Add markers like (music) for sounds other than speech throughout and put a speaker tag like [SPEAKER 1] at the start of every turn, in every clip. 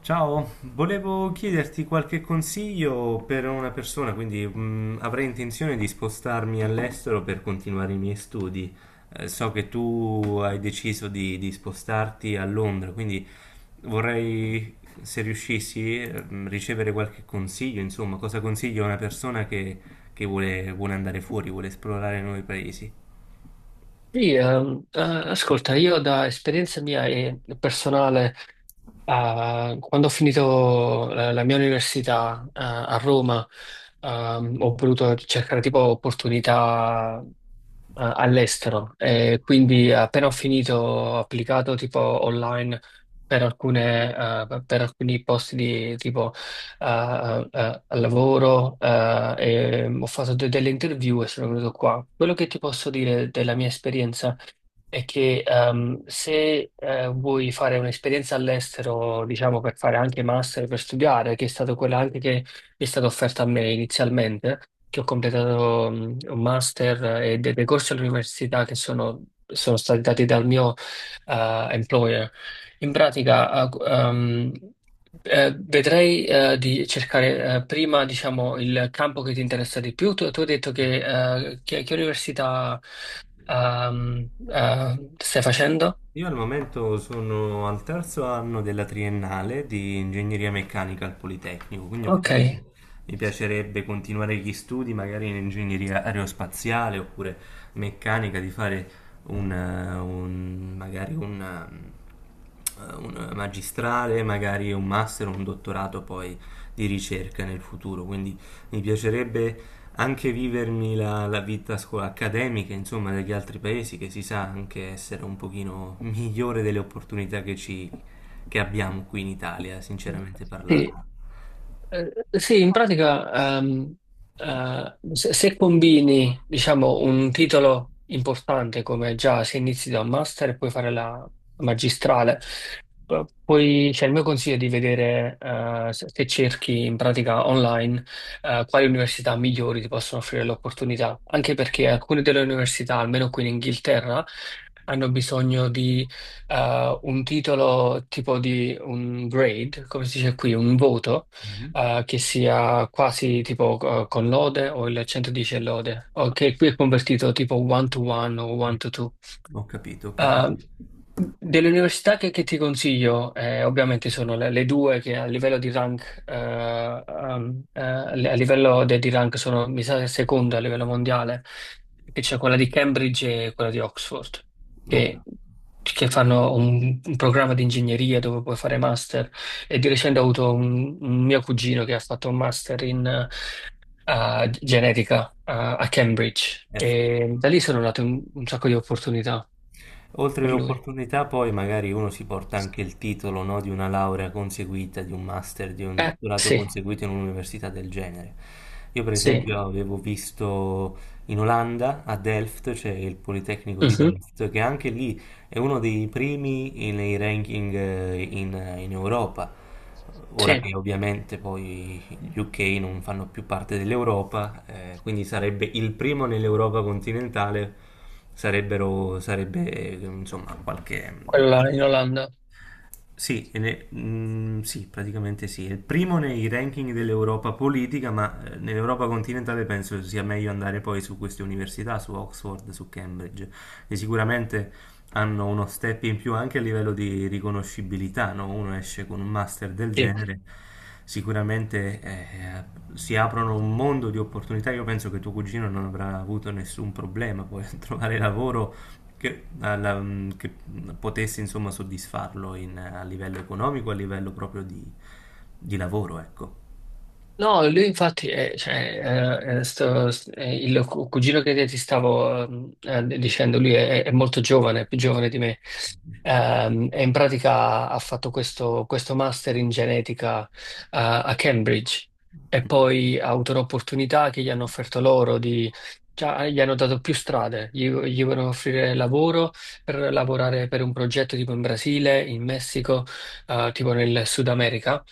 [SPEAKER 1] Ciao, volevo chiederti qualche consiglio per una persona, quindi avrei intenzione di spostarmi all'estero per continuare i miei studi. So che tu hai deciso di spostarti a Londra, quindi vorrei, se riuscissi, ricevere qualche consiglio, insomma, cosa consiglio a una persona che vuole andare fuori, vuole esplorare nuovi paesi.
[SPEAKER 2] Sì, ascolta, io da esperienza mia e personale, quando ho finito la mia università, a Roma, ho voluto cercare tipo opportunità all'estero e quindi appena ho finito ho applicato tipo online per alcuni posti di tipo al lavoro, e ho fatto delle interview e sono venuto qua. Quello che ti posso dire della mia esperienza è che se vuoi fare un'esperienza all'estero, diciamo per fare anche master, per studiare, che è stata quella anche che è stata offerta a me inizialmente, che ho completato un master, e dei corsi all'università che sono stati dati dal mio employer. In pratica, vedrei di cercare, prima, diciamo, il campo che ti interessa di più. Tu hai detto che università stai facendo?
[SPEAKER 1] Io al momento sono al terzo anno della triennale di ingegneria meccanica al Politecnico, quindi
[SPEAKER 2] Ok.
[SPEAKER 1] ovviamente mi piacerebbe continuare gli studi magari in ingegneria aerospaziale oppure meccanica, di fare un, magari un magistrale, magari un master, un dottorato poi di ricerca nel futuro, quindi mi piacerebbe anche vivermi la vita accademica, insomma, degli altri paesi, che si sa anche essere un pochino migliore delle opportunità che abbiamo qui in Italia, sinceramente
[SPEAKER 2] Sì.
[SPEAKER 1] parlando.
[SPEAKER 2] Eh, sì, in pratica, se combini, diciamo, un titolo importante come già se inizi da un master e puoi fare la magistrale, poi c'è il mio consiglio è di vedere, se cerchi in pratica online, quali università migliori ti possono offrire l'opportunità, anche perché alcune delle università, almeno qui in Inghilterra, hanno bisogno di un titolo tipo di un grade, come si dice qui, un voto
[SPEAKER 1] Mhm.
[SPEAKER 2] che sia quasi tipo con lode o il 110 e lode, o che qui è convertito tipo one to one o one to two.
[SPEAKER 1] Ho capito, ho
[SPEAKER 2] Ah,
[SPEAKER 1] capito.
[SPEAKER 2] delle università che ti consiglio, ovviamente sono le due che a livello di rank, a livello di rank sono, mi sa, seconda a livello mondiale, che c'è quella di Cambridge e quella di Oxford,
[SPEAKER 1] Ho
[SPEAKER 2] che,
[SPEAKER 1] cap-
[SPEAKER 2] che fanno un programma di ingegneria dove puoi fare master. E di recente ho avuto un mio cugino che ha fatto un master in genetica, a Cambridge.
[SPEAKER 1] eh,
[SPEAKER 2] E da lì sono nate un sacco di opportunità
[SPEAKER 1] Oltre
[SPEAKER 2] per lui.
[SPEAKER 1] l'opportunità, poi magari uno si porta anche il titolo, no, di una laurea conseguita, di un master, di un dottorato
[SPEAKER 2] Sì,
[SPEAKER 1] conseguito in un'università del genere. Io, per
[SPEAKER 2] sì,
[SPEAKER 1] esempio, avevo visto in Olanda, a Delft, c'è il Politecnico di
[SPEAKER 2] mhm,
[SPEAKER 1] Delft, che anche lì è uno dei primi nei ranking in Europa. Ora
[SPEAKER 2] sì,
[SPEAKER 1] che ovviamente poi gli UK non fanno più parte dell'Europa, quindi sarebbe il primo nell'Europa continentale, sarebbero, sarebbe insomma qualche,
[SPEAKER 2] quella in
[SPEAKER 1] qualche-
[SPEAKER 2] Olanda,
[SPEAKER 1] sì, sì, praticamente sì. È il primo nei ranking dell'Europa politica, ma nell'Europa continentale penso sia meglio andare poi su queste università, su Oxford, su Cambridge, che sicuramente hanno uno step in più anche a livello di riconoscibilità, no? Uno esce con un master del
[SPEAKER 2] sì.
[SPEAKER 1] genere, sicuramente si aprono un mondo di opportunità. Io penso che tuo cugino non avrà avuto nessun problema poi a trovare lavoro che, che potesse insomma soddisfarlo a livello economico, a livello proprio di lavoro, ecco.
[SPEAKER 2] No, lui infatti è, cioè, il cugino che ti stavo dicendo, lui è molto giovane, è più giovane di me, E in pratica ha fatto questo master in genetica, a Cambridge e poi ha avuto un'opportunità che gli hanno offerto loro di, cioè, gli hanno dato più strade, gli vogliono offrire lavoro per lavorare per un progetto tipo in Brasile, in Messico, tipo nel Sud America.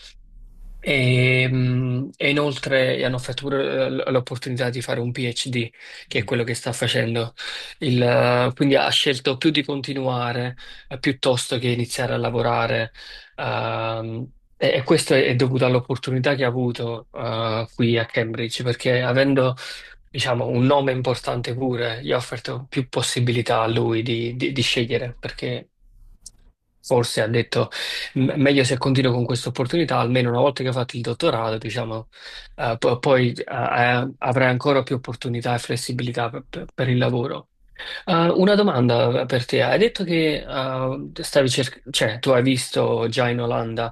[SPEAKER 2] E inoltre gli hanno offerto pure l'opportunità di fare un PhD, che è quello che sta facendo. Quindi ha scelto più di continuare, piuttosto che iniziare a lavorare. ehm, e questo è dovuto all'opportunità che ha avuto qui a Cambridge, perché avendo, diciamo, un nome importante pure, gli ha offerto più possibilità a lui di di scegliere, perché forse ha detto. Meglio se continuo con questa opportunità, almeno una volta che ho fatto il dottorato, diciamo, po- poi avrai ancora più opportunità e flessibilità per il lavoro. Una domanda, per te. Hai detto che cioè, tu hai visto già in Olanda,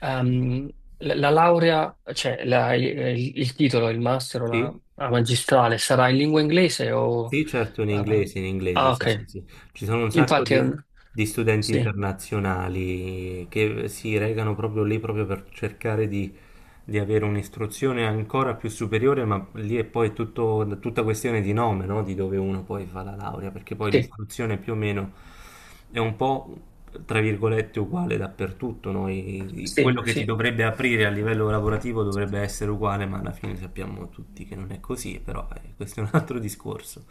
[SPEAKER 2] ehm, la laurea, cioè il titolo, il master o la,
[SPEAKER 1] Sì,
[SPEAKER 2] la magistrale sarà in lingua inglese o.
[SPEAKER 1] sì, certo,
[SPEAKER 2] eh,
[SPEAKER 1] in inglese, sì, sì,
[SPEAKER 2] ok.
[SPEAKER 1] sì. Ci sono un sacco
[SPEAKER 2] Infatti,
[SPEAKER 1] di studenti
[SPEAKER 2] sì,
[SPEAKER 1] internazionali che si recano proprio lì proprio per cercare di avere un'istruzione ancora più superiore, ma lì è poi tutto, tutta questione di nome, no? Di dove uno poi fa la laurea, perché poi
[SPEAKER 2] sì,
[SPEAKER 1] l'istruzione più o meno è un po', tra virgolette, uguale dappertutto, no?
[SPEAKER 2] sì,
[SPEAKER 1] Quello che ti
[SPEAKER 2] sì.
[SPEAKER 1] dovrebbe aprire a livello lavorativo dovrebbe essere uguale, ma alla fine sappiamo tutti che non è così, però questo è un altro discorso.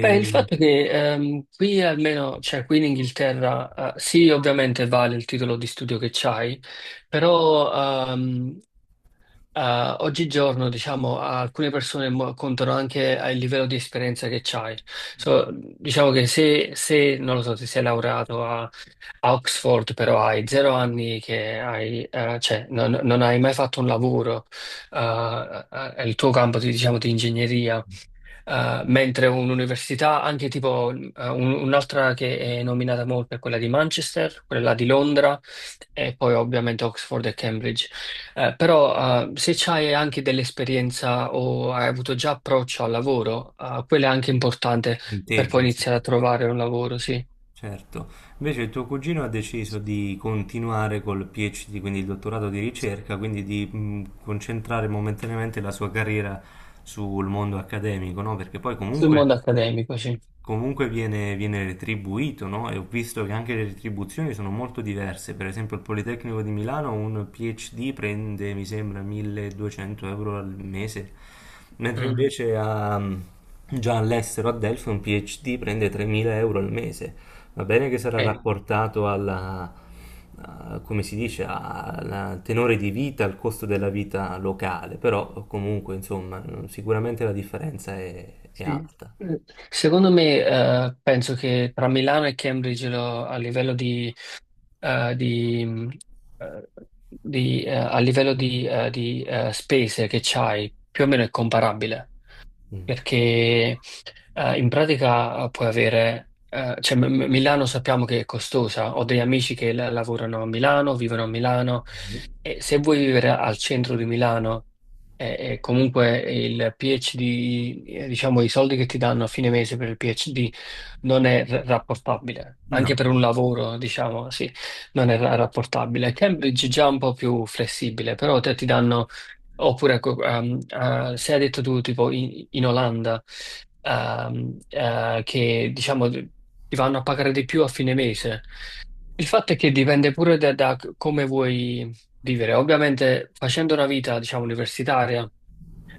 [SPEAKER 2] Beh, il fatto è che qui almeno, cioè qui in Inghilterra, sì, ovviamente vale il titolo di studio che c'hai, però oggigiorno, diciamo, alcune persone contano anche al livello di esperienza che c'hai. So, diciamo che se, se, non lo so, se sei laureato a Oxford, però hai zero anni che hai, cioè, non hai mai fatto un lavoro, il tuo campo, diciamo, di ingegneria, mentre un'università, anche tipo un'altra che è nominata molto è quella di Manchester, quella di Londra e poi ovviamente Oxford e Cambridge. Però se c'hai anche dell'esperienza o hai avuto già approccio al lavoro, quello è anche importante per poi
[SPEAKER 1] Punteggio, sì.
[SPEAKER 2] iniziare a trovare un lavoro, sì.
[SPEAKER 1] Certo, invece il tuo cugino ha deciso di continuare col PhD, quindi il dottorato di ricerca, quindi di concentrare momentaneamente la sua carriera sul mondo accademico, no? Perché poi
[SPEAKER 2] Sul mondo
[SPEAKER 1] comunque,
[SPEAKER 2] accademico, sì.
[SPEAKER 1] comunque viene retribuito, no? E ho visto che anche le retribuzioni sono molto diverse. Per esempio, il Politecnico di Milano un PhD prende, mi sembra, 1.200 euro al mese, mentre
[SPEAKER 2] Mm,
[SPEAKER 1] invece già all'estero a Delphi un PhD prende 3.000 euro al mese. Va bene che sarà
[SPEAKER 2] sì,
[SPEAKER 1] rapportato alla, come si dice, al tenore di vita, al costo della vita locale, però comunque, insomma, sicuramente la differenza è
[SPEAKER 2] sì.
[SPEAKER 1] alta.
[SPEAKER 2] Secondo me, penso che tra Milano e Cambridge a livello di eh, di, eh, a livello di spese che c'hai, più o meno è comparabile
[SPEAKER 1] Mm.
[SPEAKER 2] perché in pratica puoi avere, cioè Milano sappiamo che è costosa, ho degli amici che lavorano a Milano, vivono a Milano e se vuoi vivere al centro di Milano e comunque il PhD, diciamo i soldi che ti danno a fine mese per il PhD non è rapportabile, anche per
[SPEAKER 1] No,
[SPEAKER 2] un lavoro, diciamo, sì, non è rapportabile. Cambridge è già un po' più flessibile, però te ti danno. Oppure, ecco, se hai detto tu, tipo in Olanda, che diciamo ti vanno a pagare di più a fine mese. Il fatto è che dipende pure da come vuoi vivere. Ovviamente, facendo una vita, diciamo, universitaria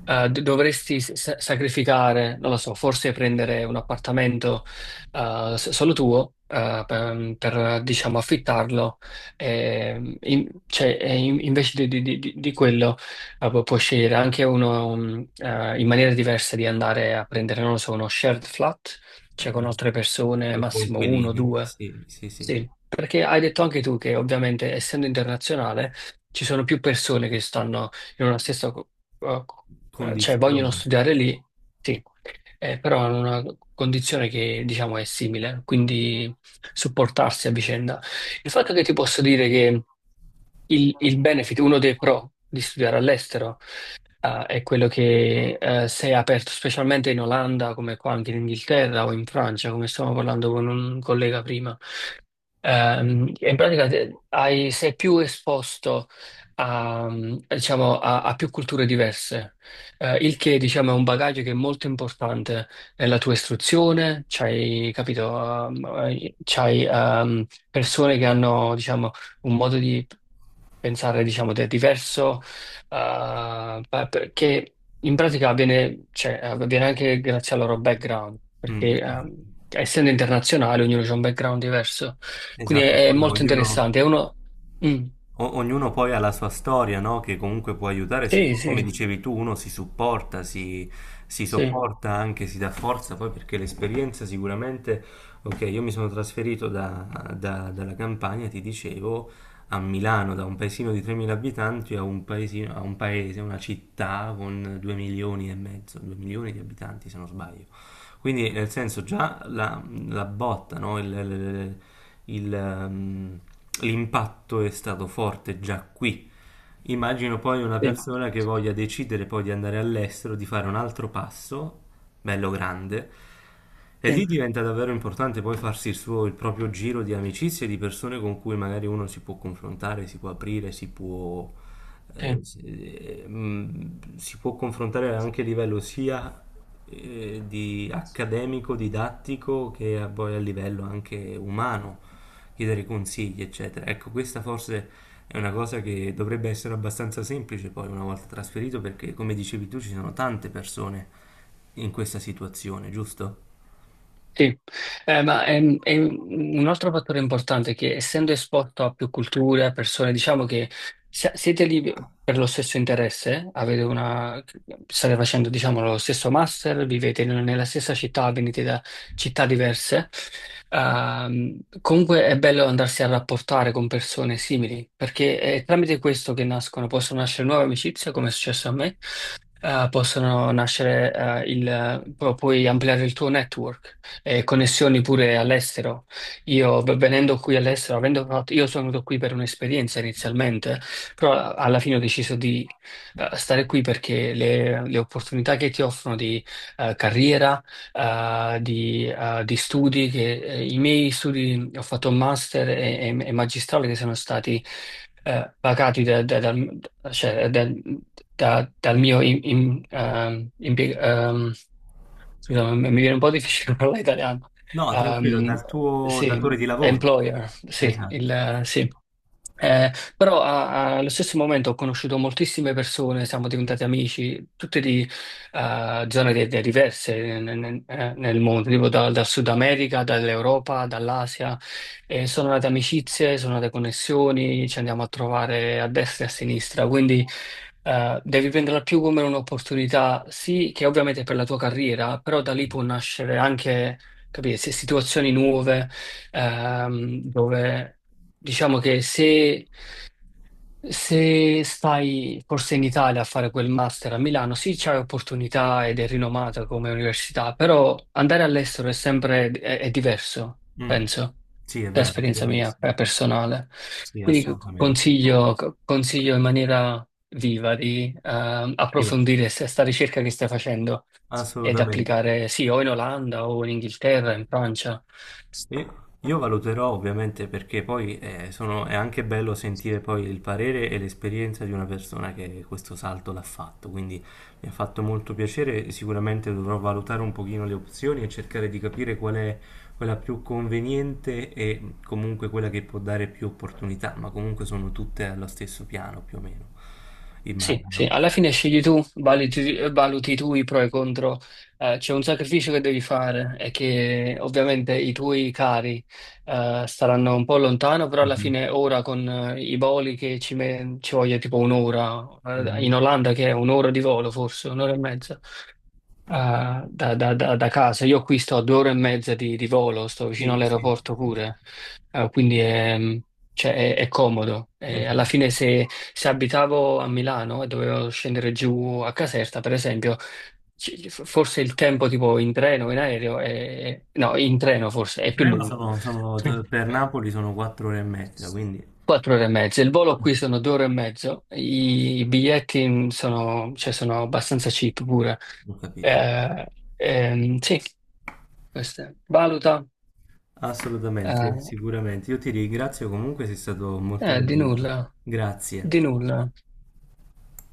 [SPEAKER 2] eh, dovresti sacrificare, non lo so, forse prendere un appartamento, solo tuo per, diciamo, affittarlo, e, invece di quello puoi scegliere anche uno, in maniera diversa di andare a prendere, non lo so, uno shared flat, cioè con altre persone, massimo uno,
[SPEAKER 1] Coinquilini,
[SPEAKER 2] due.
[SPEAKER 1] sì, sì, sì,
[SPEAKER 2] Sì, perché hai detto anche tu che ovviamente essendo internazionale ci sono più persone che stanno in una stessa. Cioè vogliono
[SPEAKER 1] condizioni.
[SPEAKER 2] studiare lì, sì, però hanno una condizione che diciamo è simile, quindi supportarsi a vicenda. Il fatto che ti posso dire che il benefit, uno dei pro di studiare all'estero, è quello che se è aperto specialmente in Olanda, come qua anche in Inghilterra o in Francia, come stavamo parlando con un collega prima. In pratica sei più esposto diciamo, a più culture diverse, il che diciamo, è un bagaglio che è molto importante nella tua istruzione, c'hai, capito, c'hai persone che hanno diciamo, un modo di pensare diciamo, diverso. Ah, beh, perché in pratica avviene, cioè, avviene anche grazie al loro background,
[SPEAKER 1] Mm,
[SPEAKER 2] perché
[SPEAKER 1] certo.
[SPEAKER 2] essendo internazionale ognuno ha un background diverso, quindi
[SPEAKER 1] Esatto, e
[SPEAKER 2] è
[SPEAKER 1] poi
[SPEAKER 2] molto
[SPEAKER 1] ognuno,
[SPEAKER 2] interessante. È uno. Mm,
[SPEAKER 1] Ognuno poi ha la sua storia, no? Che comunque può aiutare,
[SPEAKER 2] sì,
[SPEAKER 1] come
[SPEAKER 2] sì,
[SPEAKER 1] dicevi tu, uno si supporta, si
[SPEAKER 2] sì,
[SPEAKER 1] sopporta anche, si dà forza, poi perché l'esperienza sicuramente, ok, io mi sono trasferito dalla Campania, ti dicevo, a Milano, da un paesino di 3.000 abitanti a un paesino, a un paese, una città con 2 milioni e mezzo, 2 milioni di abitanti se non sbaglio. Quindi nel senso già la, la botta, no? Il, ehm, l'impatto è stato forte già qui. Immagino poi una
[SPEAKER 2] sì,
[SPEAKER 1] persona che voglia decidere poi di andare all'estero, di fare un altro passo, bello grande, e lì
[SPEAKER 2] sì,
[SPEAKER 1] diventa davvero importante poi farsi il suo, il proprio giro di amicizie, di persone con cui magari uno si può confrontare, si può aprire, si può, eh,
[SPEAKER 2] sì.
[SPEAKER 1] si, si può confrontare anche a livello sia di accademico, didattico, poi a livello anche umano, chiedere consigli, eccetera. Ecco, questa forse è una cosa che dovrebbe essere abbastanza semplice poi una volta trasferito, perché come dicevi tu ci sono tante persone in questa situazione, giusto?
[SPEAKER 2] Sì, ma è un altro fattore importante è che essendo esposto a più culture, a persone, diciamo che siete lì per lo stesso interesse, avete una, state facendo, diciamo, lo stesso master, vivete nella stessa città, venite da città diverse, comunque è bello andarsi a rapportare con persone simili, perché è tramite questo che nascono, possono nascere nuove amicizie, come è successo a me, possono nascere, il, pu- puoi ampliare il tuo network e connessioni pure all'estero. Io venendo qui all'estero, avendo fatto, io sono venuto qui per un'esperienza inizialmente, però alla fine ho deciso di stare qui perché le opportunità che ti offrono di carriera di studi che i miei studi, ho fatto un master e magistrale che sono stati pagati da- da- dal, cioè, da- da- dal mio Scusa, ma mi viene un po' difficile (laughs) parlare italiano.
[SPEAKER 1] No, tranquillo,
[SPEAKER 2] Ehm,
[SPEAKER 1] dal tuo
[SPEAKER 2] sì,
[SPEAKER 1] datore di lavoro.
[SPEAKER 2] employer, sì,
[SPEAKER 1] Esatto.
[SPEAKER 2] il, sì. Eh, però allo stesso momento ho conosciuto moltissime persone, siamo diventati amici, tutte di zone diverse nel mondo, tipo dal Sud America, dall'Europa, dall'Asia. E sono nate amicizie, sono nate connessioni, ci andiamo a trovare a destra e a sinistra. Quindi devi prenderla più come un'opportunità, sì, che ovviamente è per la tua carriera, però da lì può nascere anche, capire, se situazioni nuove, dove diciamo che se stai forse in Italia a fare quel master a Milano, sì, c'è opportunità ed è rinomata come università, però andare all'estero è sempre è diverso,
[SPEAKER 1] Mm.
[SPEAKER 2] penso,
[SPEAKER 1] Sì, è
[SPEAKER 2] da
[SPEAKER 1] vero, è
[SPEAKER 2] esperienza mia
[SPEAKER 1] verissimo.
[SPEAKER 2] personale.
[SPEAKER 1] Sì,
[SPEAKER 2] Quindi
[SPEAKER 1] assolutamente.
[SPEAKER 2] consiglio in maniera viva di
[SPEAKER 1] Sì,
[SPEAKER 2] approfondire questa ricerca che stai facendo ed
[SPEAKER 1] assolutamente.
[SPEAKER 2] applicare, sì, o in Olanda o in Inghilterra, in Francia.
[SPEAKER 1] Io valuterò ovviamente perché poi è anche bello sentire poi il parere e l'esperienza di una persona che questo salto l'ha fatto, quindi mi ha fatto molto piacere, sicuramente dovrò valutare un pochino le opzioni e cercare di capire qual è quella più conveniente e comunque quella che può dare più opportunità, ma comunque sono tutte allo stesso piano più o meno,
[SPEAKER 2] Sì, sì,
[SPEAKER 1] immagino.
[SPEAKER 2] alla fine scegli tu, valuti tu i pro e i contro. C'è un sacrificio che devi fare e che ovviamente i tuoi cari, staranno un po' lontano, però alla
[SPEAKER 1] Mhm,
[SPEAKER 2] fine ora con, i voli che ci voglia tipo un'ora,
[SPEAKER 1] mhm.
[SPEAKER 2] in Olanda che è un'ora di volo forse, un'ora e mezza, Ah, da casa. Io qui sto a 2 ore e mezza di volo, sto vicino
[SPEAKER 1] Sì, sì,
[SPEAKER 2] all'aeroporto
[SPEAKER 1] sì, sì.
[SPEAKER 2] pure, Ah, quindi è, cioè, è comodo. E alla
[SPEAKER 1] Esatto.
[SPEAKER 2] fine se abitavo a Milano e dovevo scendere giù a Caserta, per esempio, forse il tempo tipo in treno, in aereo, no, in treno forse
[SPEAKER 1] In
[SPEAKER 2] è più
[SPEAKER 1] treno
[SPEAKER 2] lungo.
[SPEAKER 1] sono,
[SPEAKER 2] (laughs)
[SPEAKER 1] per Napoli sono 4 ore e mezza, quindi
[SPEAKER 2] 4 ore e mezza. Il volo qui sono 2 ore e mezzo. I biglietti sono, cioè, sono abbastanza cheap pure.
[SPEAKER 1] ho capito.
[SPEAKER 2] Eh, sì. Questa valuta.
[SPEAKER 1] Assolutamente,
[SPEAKER 2] eh,
[SPEAKER 1] sicuramente. Io ti ringrazio comunque, sei stato molto
[SPEAKER 2] eh, di
[SPEAKER 1] d'aiuto.
[SPEAKER 2] nulla, di
[SPEAKER 1] Grazie.
[SPEAKER 2] nulla.